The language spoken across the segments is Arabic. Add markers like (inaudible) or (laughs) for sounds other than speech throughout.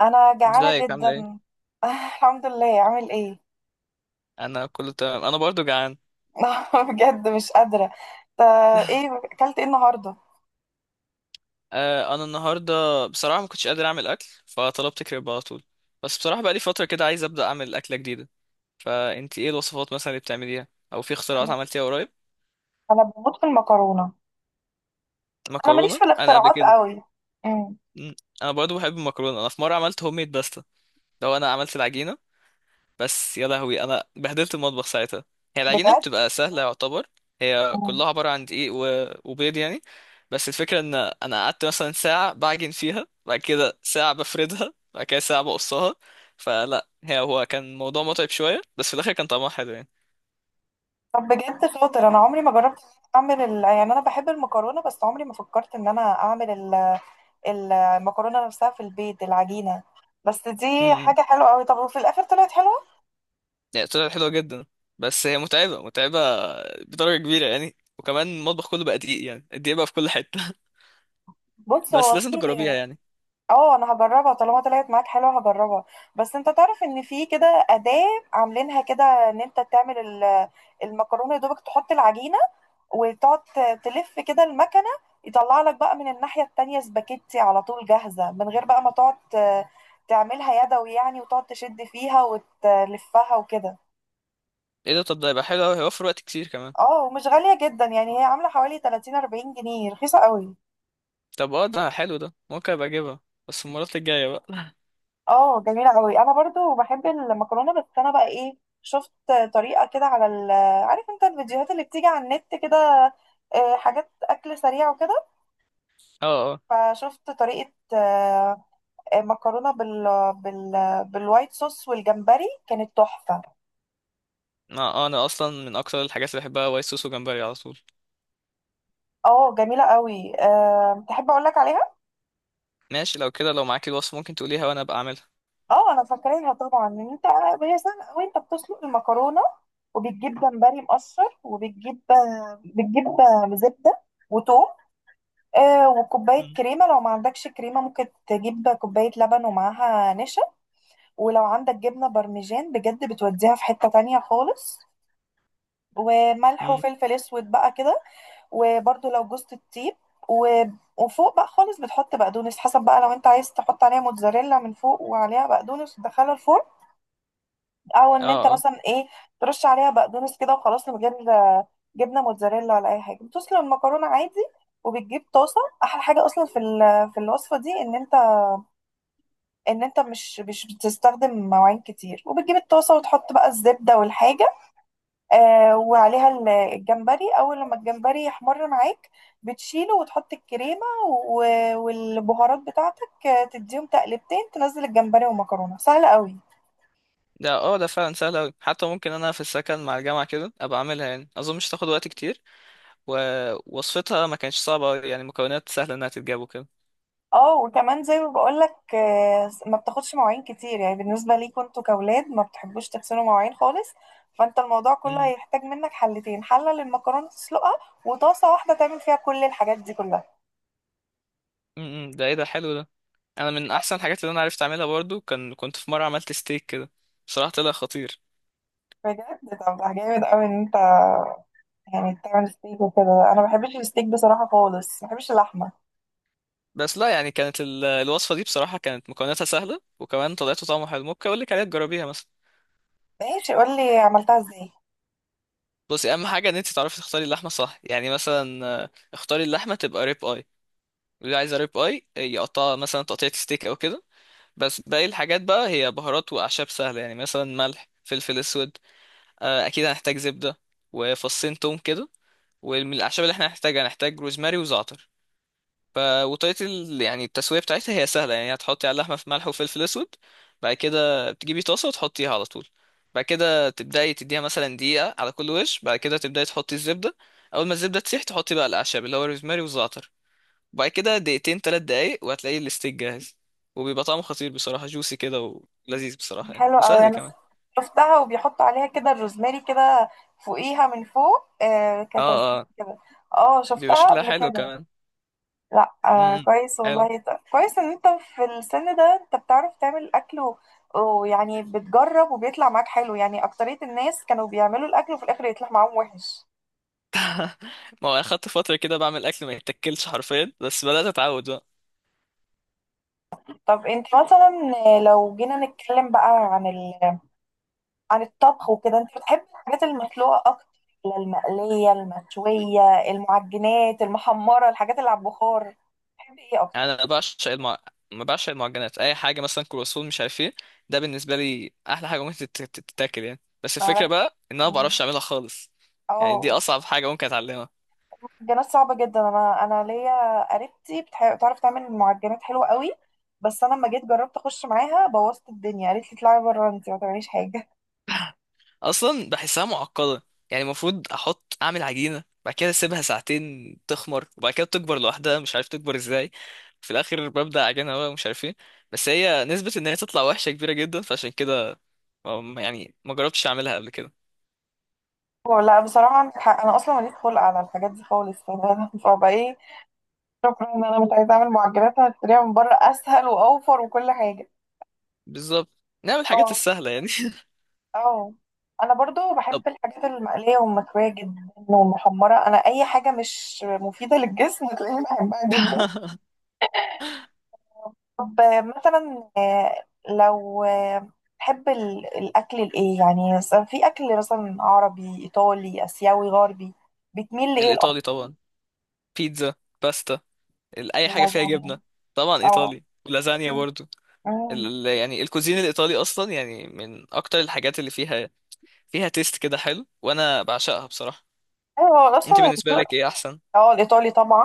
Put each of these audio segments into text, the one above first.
انا جعانه ازيك؟ عامله جدا. ايه؟ آه، الحمد لله. عامل ايه؟ انا كله تمام، انا برضو جعان. (laughs) بجد مش قادره. طب، ايه اكلت ايه النهارده؟ انا النهارده بصراحه ما كنتش قادر اعمل اكل فطلبت كريب على طول. بس بصراحه بقى لي فتره كده عايز ابدا اعمل اكله جديده. فانت ايه الوصفات مثلا اللي بتعمليها؟ او في اختراعات انا عملتيها قريب؟ أنا بموت في المكرونه. انا ماليش مكرونه، في انا قبل الاختراعات كده قوي. امم مم، انا برضو بحب المكرونه. انا في مره عملت هوم ميد باستا، لو انا عملت العجينه. بس يا لهوي انا بهدلت المطبخ ساعتها. هي العجينه بجد. بتبقى سهله يعتبر، هي مم. كلها عباره عن وبيض يعني. بس الفكره ان انا قعدت مثلا ساعه بعجن فيها، بعد كده ساعه بفردها، بعد كده ساعه بقصها. فلا هي هو كان الموضوع متعب شويه، بس في الاخر كان طعمها حلو يعني. طب، بجد شاطر. انا عمري ما جربت اعمل يعني انا بحب المكرونه، بس عمري ما فكرت ان انا اعمل المكرونه نفسها في البيت، العجينه. بس دي امم حاجه حلوه قوي. طب وفي الاخر طلعت حلوه؟ يعني طلعت حلوه جدا، بس هي متعبه متعبه بدرجه كبيره يعني، وكمان المطبخ كله بقى دقيق، يعني الدقيق بقى في كل حته. (laughs) بص بس هو في لازم تجربيها يعني. اه انا هجربها. طالما طلعت معاك حلوه هجربها. بس انت تعرف ان في كده اداه عاملينها كده، ان انت تعمل المكرونه. يا دوبك تحط العجينه وتقعد تلف كده المكنه، يطلع لك بقى من الناحيه التانية سباكيتي على طول جاهزه، من غير بقى ما تقعد تعملها يدوي يعني، وتقعد تشد فيها وتلفها وكده. ايه ده؟ طب ده هيبقى حلو أوي، هيوفر وقت كتير كمان. اه، ومش غاليه جدا يعني، هي عامله حوالي 30-40 جنيه، رخيصه قوي. طب اه، ده حلو، ده ممكن ابقى اجيبها بس المرات الجاية بقى. (laughs) اه جميلة قوي. انا برضو بحب المكرونة. بس انا بقى ايه، شفت طريقة كده على عارف انت الفيديوهات اللي بتيجي على النت كده، آه، حاجات اكل سريع وكده. اه اه. فشفت طريقة، مكرونة بال... بالوايت صوص والجمبري، كانت تحفة. انا انا اصلا من اكتر الحاجات اللي بحبها وايت صوص وجمبري على طول. اه جميلة قوي. تحب اقول لك عليها؟ ماشي، لو كده لو معاك الوصف ممكن تقوليها وانا ابقى اعملها. اه انا فاكراها طبعا. ان انت، هي سهلة. وانت بتسلق المكرونة وبتجيب جمبري مقشر، وبتجيب آه، بتجيب آه، زبدة وتوم، آه، وكوباية مم. كريمة. لو ما عندكش كريمة ممكن تجيب كوباية لبن ومعاها نشا. ولو عندك جبنة بارميجان بجد بتوديها في حتة تانية خالص. وملح مم. وفلفل اسود بقى كده. وبرده لو جوزة الطيب و... وفوق بقى خالص بتحط بقدونس، حسب بقى، لو انت عايز تحط عليها موتزاريلا من فوق وعليها بقدونس وتدخلها الفرن، او اه ان انت اه. مثلا ايه، ترش عليها بقدونس كده وخلاص من غير جبنة موتزاريلا ولا اي حاجة. بتسلق المكرونة عادي وبتجيب طاسة. احلى حاجة اصلا في في الوصفة دي ان انت، ان انت مش بتستخدم مواعين كتير. وبتجيب الطاسه وتحط بقى الزبده والحاجه، آه، وعليها الجمبري. اول لما الجمبري يحمر معاك بتشيله وتحط الكريمه والبهارات بتاعتك، آه، تديهم تقلبتين، تنزل الجمبري والمكرونه. سهله قوي. ده اه، ده فعلا سهل اوي، حتى ممكن انا في السكن مع الجامعة كده ابقى اعملها يعني، اظن مش تاخد وقت كتير. ووصفتها ما كانتش صعبة يعني، مكونات سهلة انها تتجاب وكده. اه، وكمان زي ما بقول لك، ما بتاخدش مواعين كتير يعني، بالنسبه ليكوا انتوا كاولاد ما بتحبوش تغسلوا مواعين خالص. فانت الموضوع كله مم. هيحتاج منك حلتين: حله للمكرونه تسلقها، وطاسه واحده تعمل فيها كل الحاجات دي كلها. مم. مم. ده ايه ده؟ حلو ده. انا من احسن الحاجات اللي انا عرفت اعملها برضو كان، كنت في مرة عملت ستيك كده بصراحة طلع خطير. بجد؟ طب ده جامد قوي ان انت يعني بتعمل ستيك وكده. انا ما بحبش الستيك بصراحه خالص، ما بحبش اللحمه. بس لا يعني كانت الوصفة دي بصراحة كانت مكوناتها سهلة وكمان طلعت طعمها حلو. ممكن اقول لك عليها تجربيها مثلا. ماشي، قول لي عملتها ازاي. بصي، اهم حاجة ان انت تعرفي تختاري اللحمة صح. يعني مثلا اختاري اللحمة تبقى ريب اي، اللي عايزة ريب اي يقطعها مثلا تقطيعة ستيك او كده. بس باقي الحاجات بقى هي بهارات واعشاب سهلة يعني، مثلا ملح، فلفل اسود، اكيد هنحتاج زبدة وفصين توم كده. ومن الاعشاب اللي احنا هنحتاجها هنحتاج روزماري وزعتر. ف وطريقة يعني التسوية بتاعتها هي سهلة يعني. هتحطي على اللحمة في ملح وفلفل أسود، بعد كده بتجيبي طاسة وتحطيها على طول، بعد كده تبدأي تديها مثلا دقيقة على كل وش، بعد كده تبدأي تحطي الزبدة. أول ما الزبدة تسيح تحطي بقى الأعشاب اللي هو الروزماري والزعتر، بعد كده دقيقتين تلات دقايق وهتلاقي الستيك جاهز. وبيبقى طعمه خطير بصراحة، جوسي كده ولذيذ بصراحة يعني، حلو قوي. وسهل انا كمان. شفتها وبيحطوا عليها كده الروزماري كده، فوقيها من فوق، آه، اه كتزيين اه. كده. اه بيبقى شفتها شكلها قبل حلو كده. كمان. لا آه امم كويس حلو. والله ده. كويس ان انت في السن ده انت بتعرف تعمل اكل، ويعني بتجرب وبيطلع معاك حلو يعني. اكترية الناس كانوا بيعملوا الاكل وفي الاخر يطلع معاهم وحش. ما هو أنا خدت فترة كده بعمل أكل ما يتاكلش حرفيا، بس بدأت أتعود بقى. طب انت مثلا لو جينا نتكلم بقى عن عن الطبخ وكده، انت بتحبي الحاجات المسلوقة اكتر، ولا المقلية، المشوية، المعجنات، المحمرة، الحاجات اللي على البخار؟ بتحبي ايه اكتر؟ انا ما بعشق المعجنات. اي حاجه مثلا كرواسون مش عارف ايه، ده بالنسبه لي احلى حاجه ممكن تتاكل يعني. بس الفكره معرفة. بقى ان انا ما بعرفش اعملها خالص، يعني دي اه. اصعب حاجه ممكن اتعلمها. المعجنات صعبة جدا. انا ليا قريبتي بتعرف تعمل معجنات حلوة قوي. بس انا لما جيت جربت اخش معاها بوظت الدنيا، قالت لي اطلعي بره انت ما تعمليش حاجة. اصلا بحسها معقده. يعني المفروض احط، اعمل عجينه بعد كده اسيبها ساعتين تخمر، وبعد كده تكبر لوحدها مش عارف تكبر ازاي، في الاخر ببدا عجينه بقى مش عارف ايه. بس هي نسبه ان هي تطلع وحشه كبيره جدا، فعشان كده يعني ما جربتش اعملها قبل كده. (laughs) لا بصراحة عندك حق. انا اصلا ماليش خلق على الحاجات دي خالص. (laughs) فبقى ايه، شكرا، ان انا مش عايزه اعمل معجنات. انا هشتريها من بره اسهل واوفر وكل حاجه. بالظبط، نعمل الحاجات اه السهله يعني. اه. انا برضو (laughs) طب. بحب الحاجات المقليه والمشويه جدا والمحمره. انا اي حاجه مش مفيده للجسم تلاقيني بحبها جدا. (laughs) طب، مثلا لو تحب الاكل الايه يعني؟ مثلاً في اكل مثلا عربي، ايطالي، اسيوي، غربي، بتميل لايه الاكتر؟ الايطالي طبعا. بيتزا، باستا، اي حاجه فيها اللازانيا. جبنه. طبعا اه. ايطالي، ولازانيا برضو. مم. يعني الكوزين الايطالي اصلا يعني من اكتر الحاجات اللي فيها، فيها تيست كده حلو، وانا بعشقها بصراحه. ايوه، انت اصلا بالنسبه الذوق. لك ايه احسن؟ اه، الايطالي طبعا.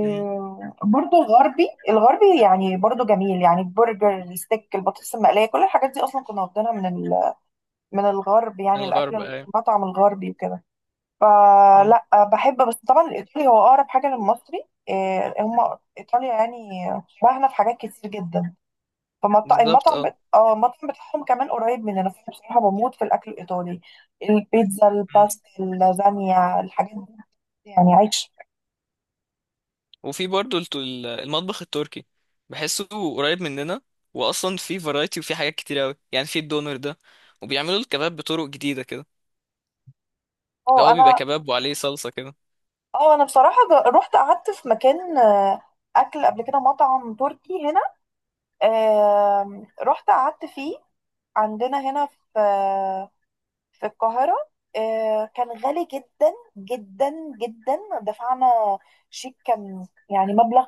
مم. برضو الغربي. الغربي يعني برضو جميل يعني، البرجر، الستيك، البطاطس المقلية، كل الحاجات دي أصلا كنا واخدينها من من الغرب من يعني. الأكل، الغرب، ايوه. المطعم الغربي وكده. مم. فلا، بحب، بس طبعا الإيطالي هو أقرب حاجة للمصري. آه، هم إيطاليا يعني شبهنا في حاجات كتير جدا. بالظبط فالمطعم اه. بت... اه المطعم بتاعهم كمان قريب مننا. فأنا بصراحة بموت في الأكل الإيطالي، البيتزا، مم. الباستا، اللازانيا، الحاجات دي يعني عيش. وفي برضو المطبخ التركي، بحسه قريب مننا. واصلا في فرايتي وفي حاجات كتير قوي يعني، في الدونر ده، وبيعملوا الكباب بطرق جديده كده اللي اه هو بيبقى انا كباب وعليه صلصه كده. اه انا بصراحه رحت قعدت في مكان، آه، اكل قبل كده، مطعم تركي هنا. آم، رحت قعدت فيه عندنا هنا في، في القاهره. آه، كان غالي جدا جدا جدا. دفعنا شيك كان يعني، مبلغ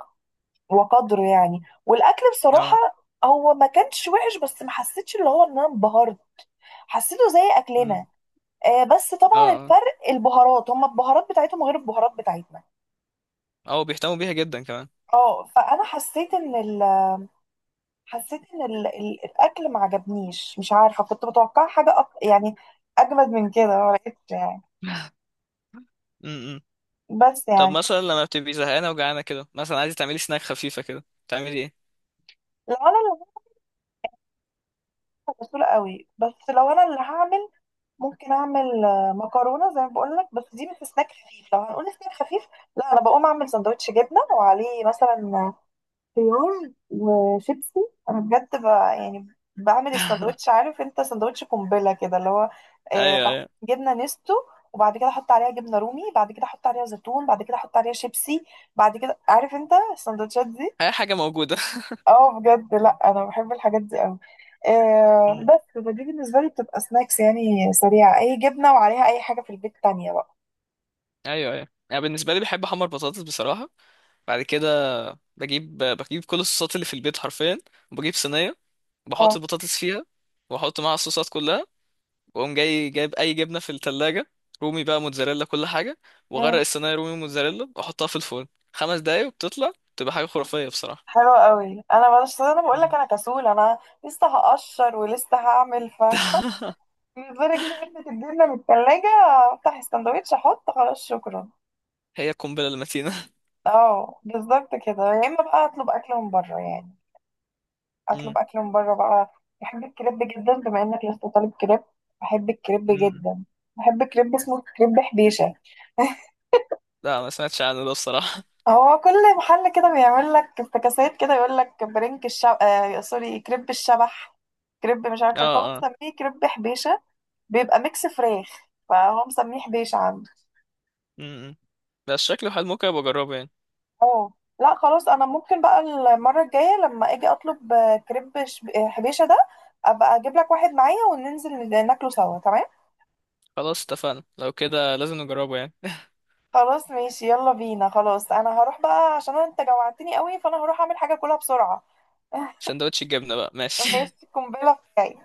وقدره يعني. والاكل بصراحه اه. هو ما كانش وحش، بس ما حسيتش اللي هو ان انا انبهرت. حسيته زي اكلنا. مم. آه، بس طبعا اه، الفرق البهارات، هما البهارات بتاعتهم غير البهارات بتاعتنا. او بيهتموا بيها جدا كمان. اه. فانا حسيت ان الاكل ما عجبنيش. مش عارفه، كنت متوقعه حاجه يعني اجمد من كده ما لقيتش يعني. (laughs) امم. بس طب يعني مثلا لما بتبقي زهقانه وجعانه كده، مثلا عايزه تعملي سناك خفيفه كده تعملي ايه؟ لو انا اللي هعمل بسيطة قوي. بس لو انا اللي هعمل ممكن اعمل، آه، مكرونه زي ما بقول لك، بس دي مش سناك خفيف. لو هنقول سناك خفيف، لا، انا بقوم اعمل سندوتش جبنه وعليه مثلا خيار وشيبسي. انا بجد يعني بعمل الساندوتش. عارف انت ساندوتش قنبله كده اللي هو، آه، ايوه ايوه، جبنه نستو، وبعد كده احط عليها جبنه رومي، بعد كده احط عليها زيتون، بعد كده احط عليها شيبسي. بعد كده عارف انت الساندوتشات دي. اي حاجه موجوده. اه بجد. لا، انا بحب الحاجات دي قوي. (laughs) آه مم. بس فدي بالنسبه لي بتبقى سناكس يعني، سريعه، اي جبنه وعليها اي حاجه في البيت تانية بقى. ايوه ايوه، انا بالنسبه لي بحب احمر بطاطس بصراحه. بعد كده بجيب كل الصوصات اللي في البيت حرفيا، وبجيب صينيه اه. بحط البطاطس فيها، واحط معاها الصوصات كلها، واقوم جاي جايب اي جبنه في التلاجة، رومي بقى، موتزاريلا، كل حاجه، واغرق مم. الصينيه رومي موتزاريلا واحطها في الفرن 5 دقايق، وبتطلع تبقى حاجه خرافيه بصراحه. حلو قوي. انا بس انا بقول لك مم. انا كسول. انا لسه هقشر ولسه هعمل، (laughs) بالنسبة اجيب علبة الجبنة من التلاجة، افتح السندوتش، احط، خلاص، شكرا. هي القنبلة المتينة. (laughs) اه بالظبط كده. يا اما بقى اطلب اكل من بره يعني، مم. اطلب اكل من بره بقى. بحب الكريب جدا. بما انك لسه طالب كريب، بحب الكريب مم. جدا. بحب كريب اسمه كريب حبيشة. (laughs) لا ما سمعتش عنه ده الصراحة. هو كل محل كده بيعمل لك افتكاسات كده، يقول لك برنك الشب، آه سوري، كريب الشبح، كريب مش (laughs) عارفة إيه. فهو اه اه. مسميه كريب حبيشة. بيبقى ميكس فراخ، فهو مسميه حبيشة عنده. مم. بس شكله حلو، ممكن ابقى اجربه يعني. اه. لا خلاص، انا ممكن بقى المره الجايه لما اجي اطلب، آه، كريب حبيشه ده، ابقى اجيب لك واحد معايا وننزل ناكله سوا. تمام. خلاص اتفقنا، لو كده لازم نجربه يعني. (laughs) خلاص ماشي يلا بينا. خلاص انا هروح بقى عشان انت جوعتني قوي، فانا هروح اعمل حاجه كلها بسرعه. (laughs) سندوتش الجبنة بقى ماشي. (laughs) ماشي، قنبله بتاعي.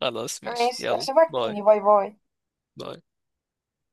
خلاص ماشي، ماشي، يلا اشوفك باي تاني. باي باي. باي.